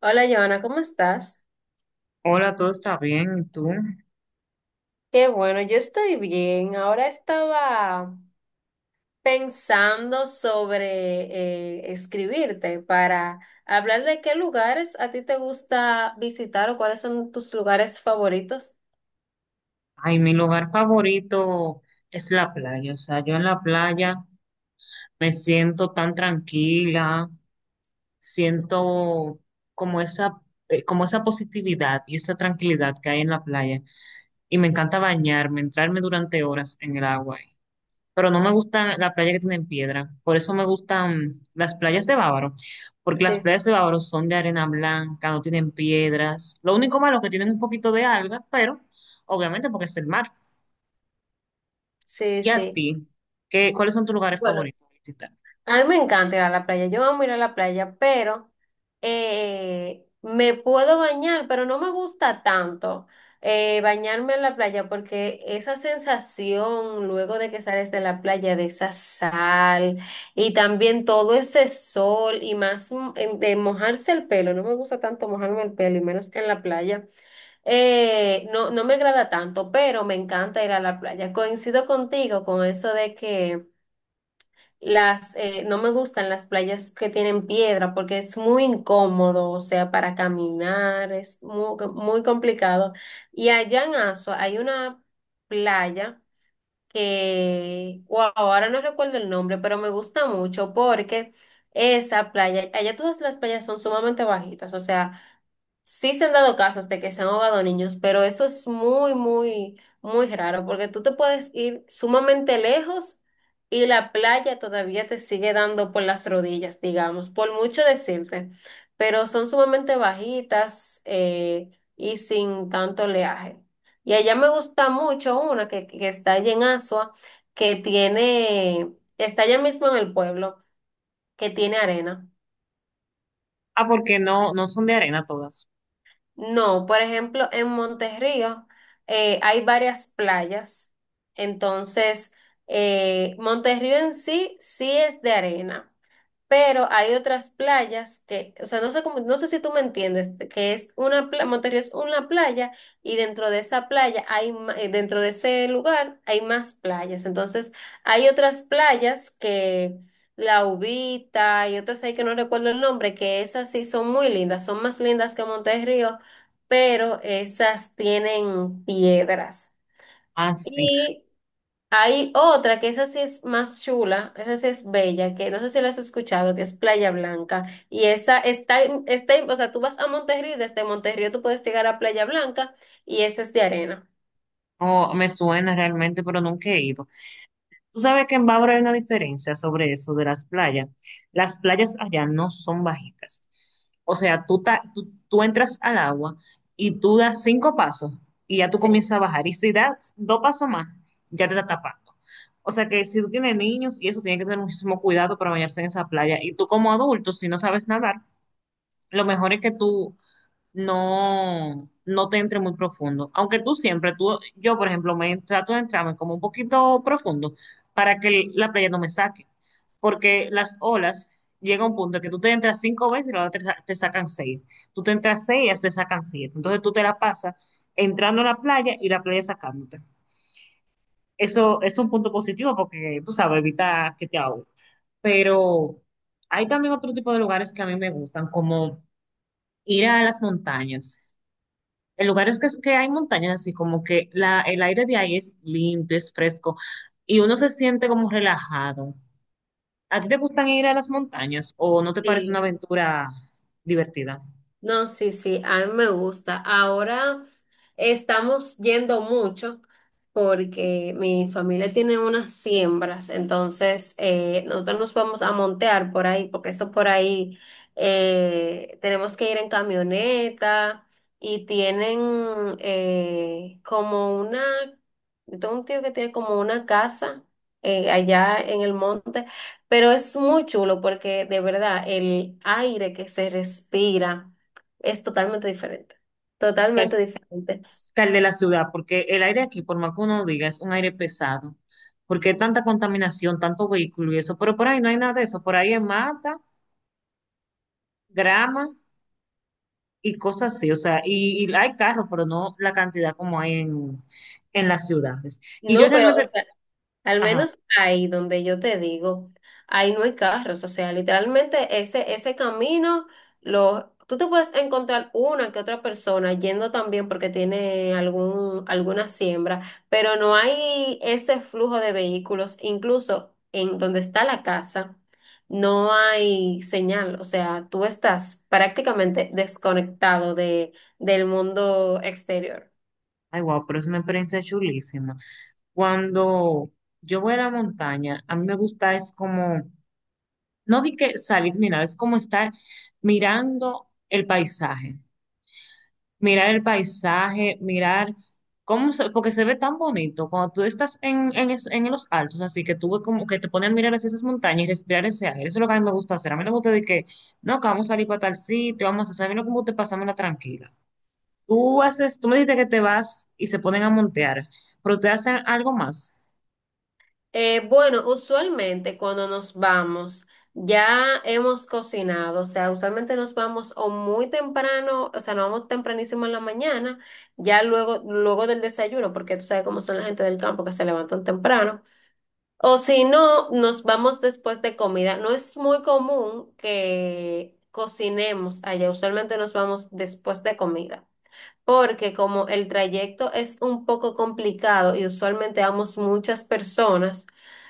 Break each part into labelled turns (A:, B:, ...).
A: Hola, Joana, ¿cómo estás?
B: Hola, todo está bien, ¿y tú?
A: Qué bueno, yo estoy bien. Ahora estaba pensando sobre escribirte para hablar de qué lugares a ti te gusta visitar o cuáles son tus lugares favoritos.
B: Ay, mi lugar favorito es la playa, o sea, yo en la playa me siento tan tranquila, siento como esa, como esa positividad y esa tranquilidad que hay en la playa, y me encanta bañarme, entrarme durante horas en el agua, pero no me gusta la playa que tiene piedra. Por eso me gustan las playas de Bávaro, porque las
A: Sí,
B: playas de Bávaro son de arena blanca, no tienen piedras. Lo único malo es que tienen un poquito de algas, pero obviamente porque es el mar.
A: sí,
B: ¿Y a
A: sí.
B: ti? ¿Qué, cuáles son tus lugares
A: Bueno.
B: favoritos de visitar?
A: A mí me encanta ir a la playa, yo amo ir a la playa, pero me puedo bañar, pero no me gusta tanto bañarme en la playa porque esa sensación luego de que sales de la playa, de esa sal y también todo ese sol y más de mojarse el pelo, no me gusta tanto mojarme el pelo y menos en la playa, no, no me agrada tanto, pero me encanta ir a la playa. Coincido contigo con eso de que... Las, no me gustan las playas que tienen piedra porque es muy incómodo, o sea, para caminar es muy, muy complicado. Y allá en Asua hay una playa que, wow, ahora no recuerdo el nombre, pero me gusta mucho porque esa playa, allá todas las playas son sumamente bajitas, o sea, sí se han dado casos de que se han ahogado niños, pero eso es muy, muy, muy raro, porque tú te puedes ir sumamente lejos y la playa todavía te sigue dando por las rodillas, digamos, por mucho decirte, pero son sumamente bajitas y sin tanto oleaje. Y allá me gusta mucho una que está allá en Asua, que tiene, está allá mismo en el pueblo, que tiene arena.
B: Ah, porque no, no son de arena todas.
A: No, por ejemplo, en Monterrío hay varias playas, entonces Monterrío en sí sí es de arena. Pero hay otras playas que, o sea, no sé cómo, no sé si tú me entiendes, que es una playa, Monterrey es una playa y dentro de esa playa dentro de ese lugar hay más playas. Entonces, hay otras playas que La Ubita y otras ahí que no recuerdo el nombre, que esas sí son muy lindas, son más lindas que Monterrey, pero esas tienen piedras.
B: Ah, sí.
A: Hay otra que esa sí es más chula, esa sí es bella, que no sé si la has escuchado, que es Playa Blanca. Y esa o sea, tú vas a Monterrey, desde Monterrey tú puedes llegar a Playa Blanca y esa es de arena.
B: No, me suena realmente, pero nunca he ido. Tú sabes que en Bávaro hay una diferencia sobre eso de las playas. Las playas allá no son bajitas. O sea, tú entras al agua y tú das cinco pasos y ya tú
A: Sí.
B: comienzas a bajar. Y si das dos pasos más, ya te está tapando. O sea que si tú tienes niños y eso, tienes que tener muchísimo cuidado para bañarse en esa playa. Y tú como adulto, si no sabes nadar, lo mejor es que tú no te entre muy profundo. Aunque tú siempre, tú, yo por ejemplo, me trato de entrarme como un poquito profundo para que la playa no me saque. Porque las olas llega un punto en que tú te entras cinco veces y las olas te, te sacan seis. Tú te entras seis y ellas te sacan siete. Entonces tú te la pasas entrando a la playa y la playa sacándote. Eso es un punto positivo porque tú sabes, evita que te ahogues. Pero hay también otro tipo de lugares que a mí me gustan, como ir a las montañas. El lugar es que hay montañas, así como que el aire de ahí es limpio, es fresco y uno se siente como relajado. ¿A ti te gustan ir a las montañas o no te parece una
A: Sí.
B: aventura divertida?
A: No, sí, sí, a mí me gusta. Ahora estamos yendo mucho porque mi familia tiene unas siembras, entonces nosotros nos vamos a montear por ahí, porque eso por ahí tenemos que ir en camioneta y tienen yo tengo un tío que tiene como una casa allá en el monte, pero es muy chulo porque de verdad el aire que se respira es totalmente diferente,
B: Que
A: totalmente
B: es
A: diferente.
B: que el de la ciudad, porque el aire aquí, por más que uno diga, es un aire pesado, porque hay tanta contaminación, tanto vehículo y eso, pero por ahí no hay nada de eso, por ahí hay mata, grama y cosas así, o sea, y hay carros, pero no la cantidad como hay en las ciudades. Y yo
A: No, pero, o
B: realmente,
A: sea, al
B: ajá.
A: menos ahí donde yo te digo, ahí no hay carros, o sea, literalmente ese, ese camino, lo, tú te puedes encontrar una que otra persona yendo también porque tiene algún, alguna siembra, pero no hay ese flujo de vehículos, incluso en donde está la casa. No hay señal, o sea, tú estás prácticamente desconectado de, del mundo exterior.
B: Ay, wow, pero es una experiencia chulísima. Cuando yo voy a la montaña, a mí me gusta es como, no di que salir ni nada, es como estar mirando el paisaje, mirar cómo se, porque se ve tan bonito cuando tú estás en los altos, así que tú ves como que te ponen a mirar hacia esas montañas y respirar ese aire. Eso es lo que a mí me gusta hacer. A mí no me gusta de que, no, que vamos a salir para tal sitio, vamos a hacer, a mí lo que me tranquila. Tú haces, tú me dijiste que te vas y se ponen a montear, pero te hacen algo más.
A: Bueno, usualmente cuando nos vamos, ya hemos cocinado, o sea, usualmente nos vamos o muy temprano, o sea, nos vamos tempranísimo en la mañana, ya luego del desayuno, porque tú sabes cómo son la gente del campo que se levantan temprano, o si no, nos vamos después de comida. No es muy común que cocinemos allá, usualmente nos vamos después de comida porque como el trayecto es un poco complicado y usualmente vamos muchas personas,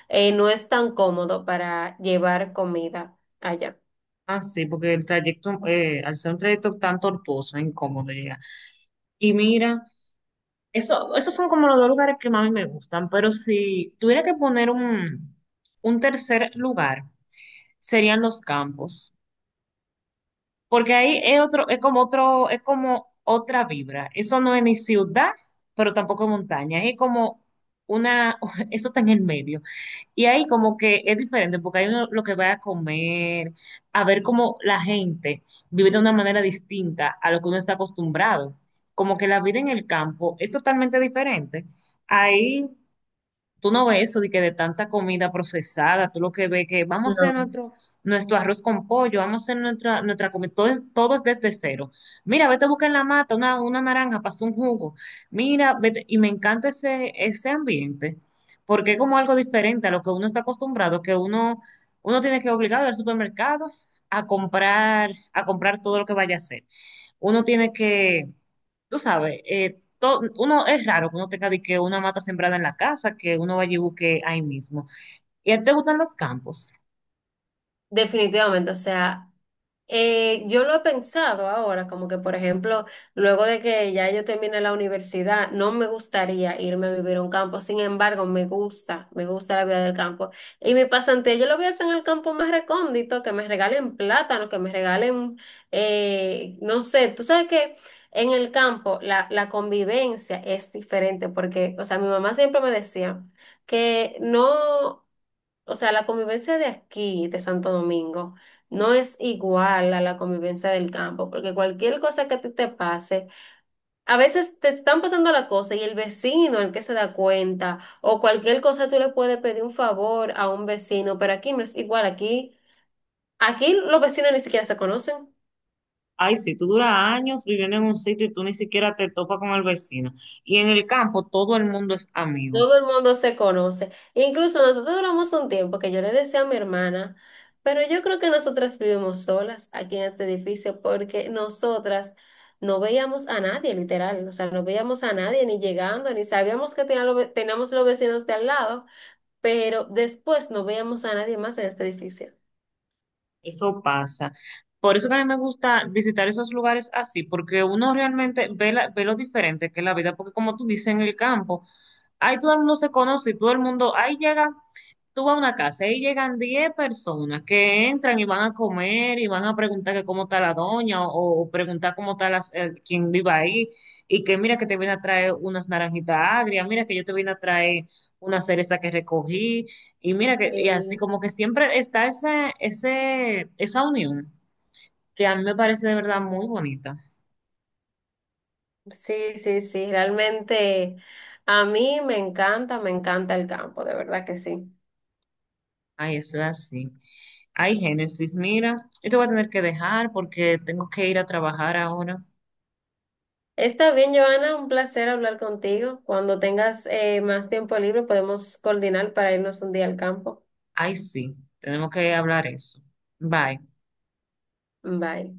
A: no es tan cómodo para llevar comida allá.
B: Ah, sí, porque el trayecto, al ser un trayecto tan tortuoso, incómodo llega. Y mira, eso, esos son como los dos lugares que más me gustan, pero si tuviera que poner un tercer lugar, serían los campos. Porque ahí es otro, es como otra vibra. Eso no es ni ciudad, pero tampoco montaña. Es como una, eso está en el medio. Y ahí como que es diferente, porque hay uno lo que va a comer, a ver cómo la gente vive de una manera distinta a lo que uno está acostumbrado. Como que la vida en el campo es totalmente diferente. Ahí tú no ves eso de que de tanta comida procesada, tú lo que ves que vamos a hacer
A: No.
B: nuestro arroz con pollo, vamos a hacer nuestra comida, todo, todo es desde cero. Mira, vete a buscar en la mata una naranja para hacer un jugo. Mira, vete, y me encanta ese, ese ambiente, porque es como algo diferente a lo que uno está acostumbrado, que uno, uno tiene que obligar al supermercado a comprar todo lo que vaya a hacer. Uno tiene que tú sabes, uno es raro que uno tenga de que una mata sembrada en la casa, que uno vaya y busque ahí mismo. ¿Y a ti te gustan los campos?
A: Definitivamente, o sea, yo lo he pensado ahora, como que por ejemplo, luego de que ya yo termine la universidad, no me gustaría irme a vivir a un campo, sin embargo, me gusta la vida del campo. Y mi pasantía yo lo voy a hacer en el campo más recóndito, que me regalen plátano, que me regalen, no sé, tú sabes que en el campo la convivencia es diferente, porque, o sea, mi mamá siempre me decía que no. O sea, la convivencia de aquí, de Santo Domingo, no es igual a la convivencia del campo, porque cualquier cosa que a ti te pase, a veces te están pasando la cosa y el vecino, el que se da cuenta, o cualquier cosa tú le puedes pedir un favor a un vecino, pero aquí no es igual, aquí, aquí los vecinos ni siquiera se conocen.
B: Ay, sí, tú duras años viviendo en un sitio y tú ni siquiera te topas con el vecino. Y en el campo todo el mundo es amigo.
A: Todo el mundo se conoce. Incluso nosotros duramos un tiempo que yo le decía a mi hermana, pero yo creo que nosotras vivimos solas aquí en este edificio porque nosotras no veíamos a nadie, literal. O sea, no veíamos a nadie ni llegando, ni sabíamos que teníamos los vecinos de al lado, pero después no veíamos a nadie más en este edificio.
B: Eso pasa. Por eso que a mí me gusta visitar esos lugares así, porque uno realmente ve, ve lo diferente que es la vida, porque como tú dices, en el campo, ahí todo el mundo se conoce y todo el mundo, ahí llega tú vas a una casa y llegan 10 personas que entran y van a comer y van a preguntar que cómo está la doña o preguntar cómo está quien vive ahí y que mira que te viene a traer unas naranjitas agrias, mira que yo te vine a traer una cereza que recogí y mira que y
A: Y
B: así como que siempre está ese, ese, esa unión que a mí me parece de verdad muy bonita.
A: sí, sí, sí, realmente a mí me encanta el campo, de verdad que sí.
B: Ay, eso es así. Ay, Génesis, mira, yo te voy a tener que dejar porque tengo que ir a trabajar ahora.
A: Está bien, Joana, un placer hablar contigo. Cuando tengas más tiempo libre, podemos coordinar para irnos un día al campo.
B: Ay, sí, tenemos que hablar eso. Bye.
A: Bye.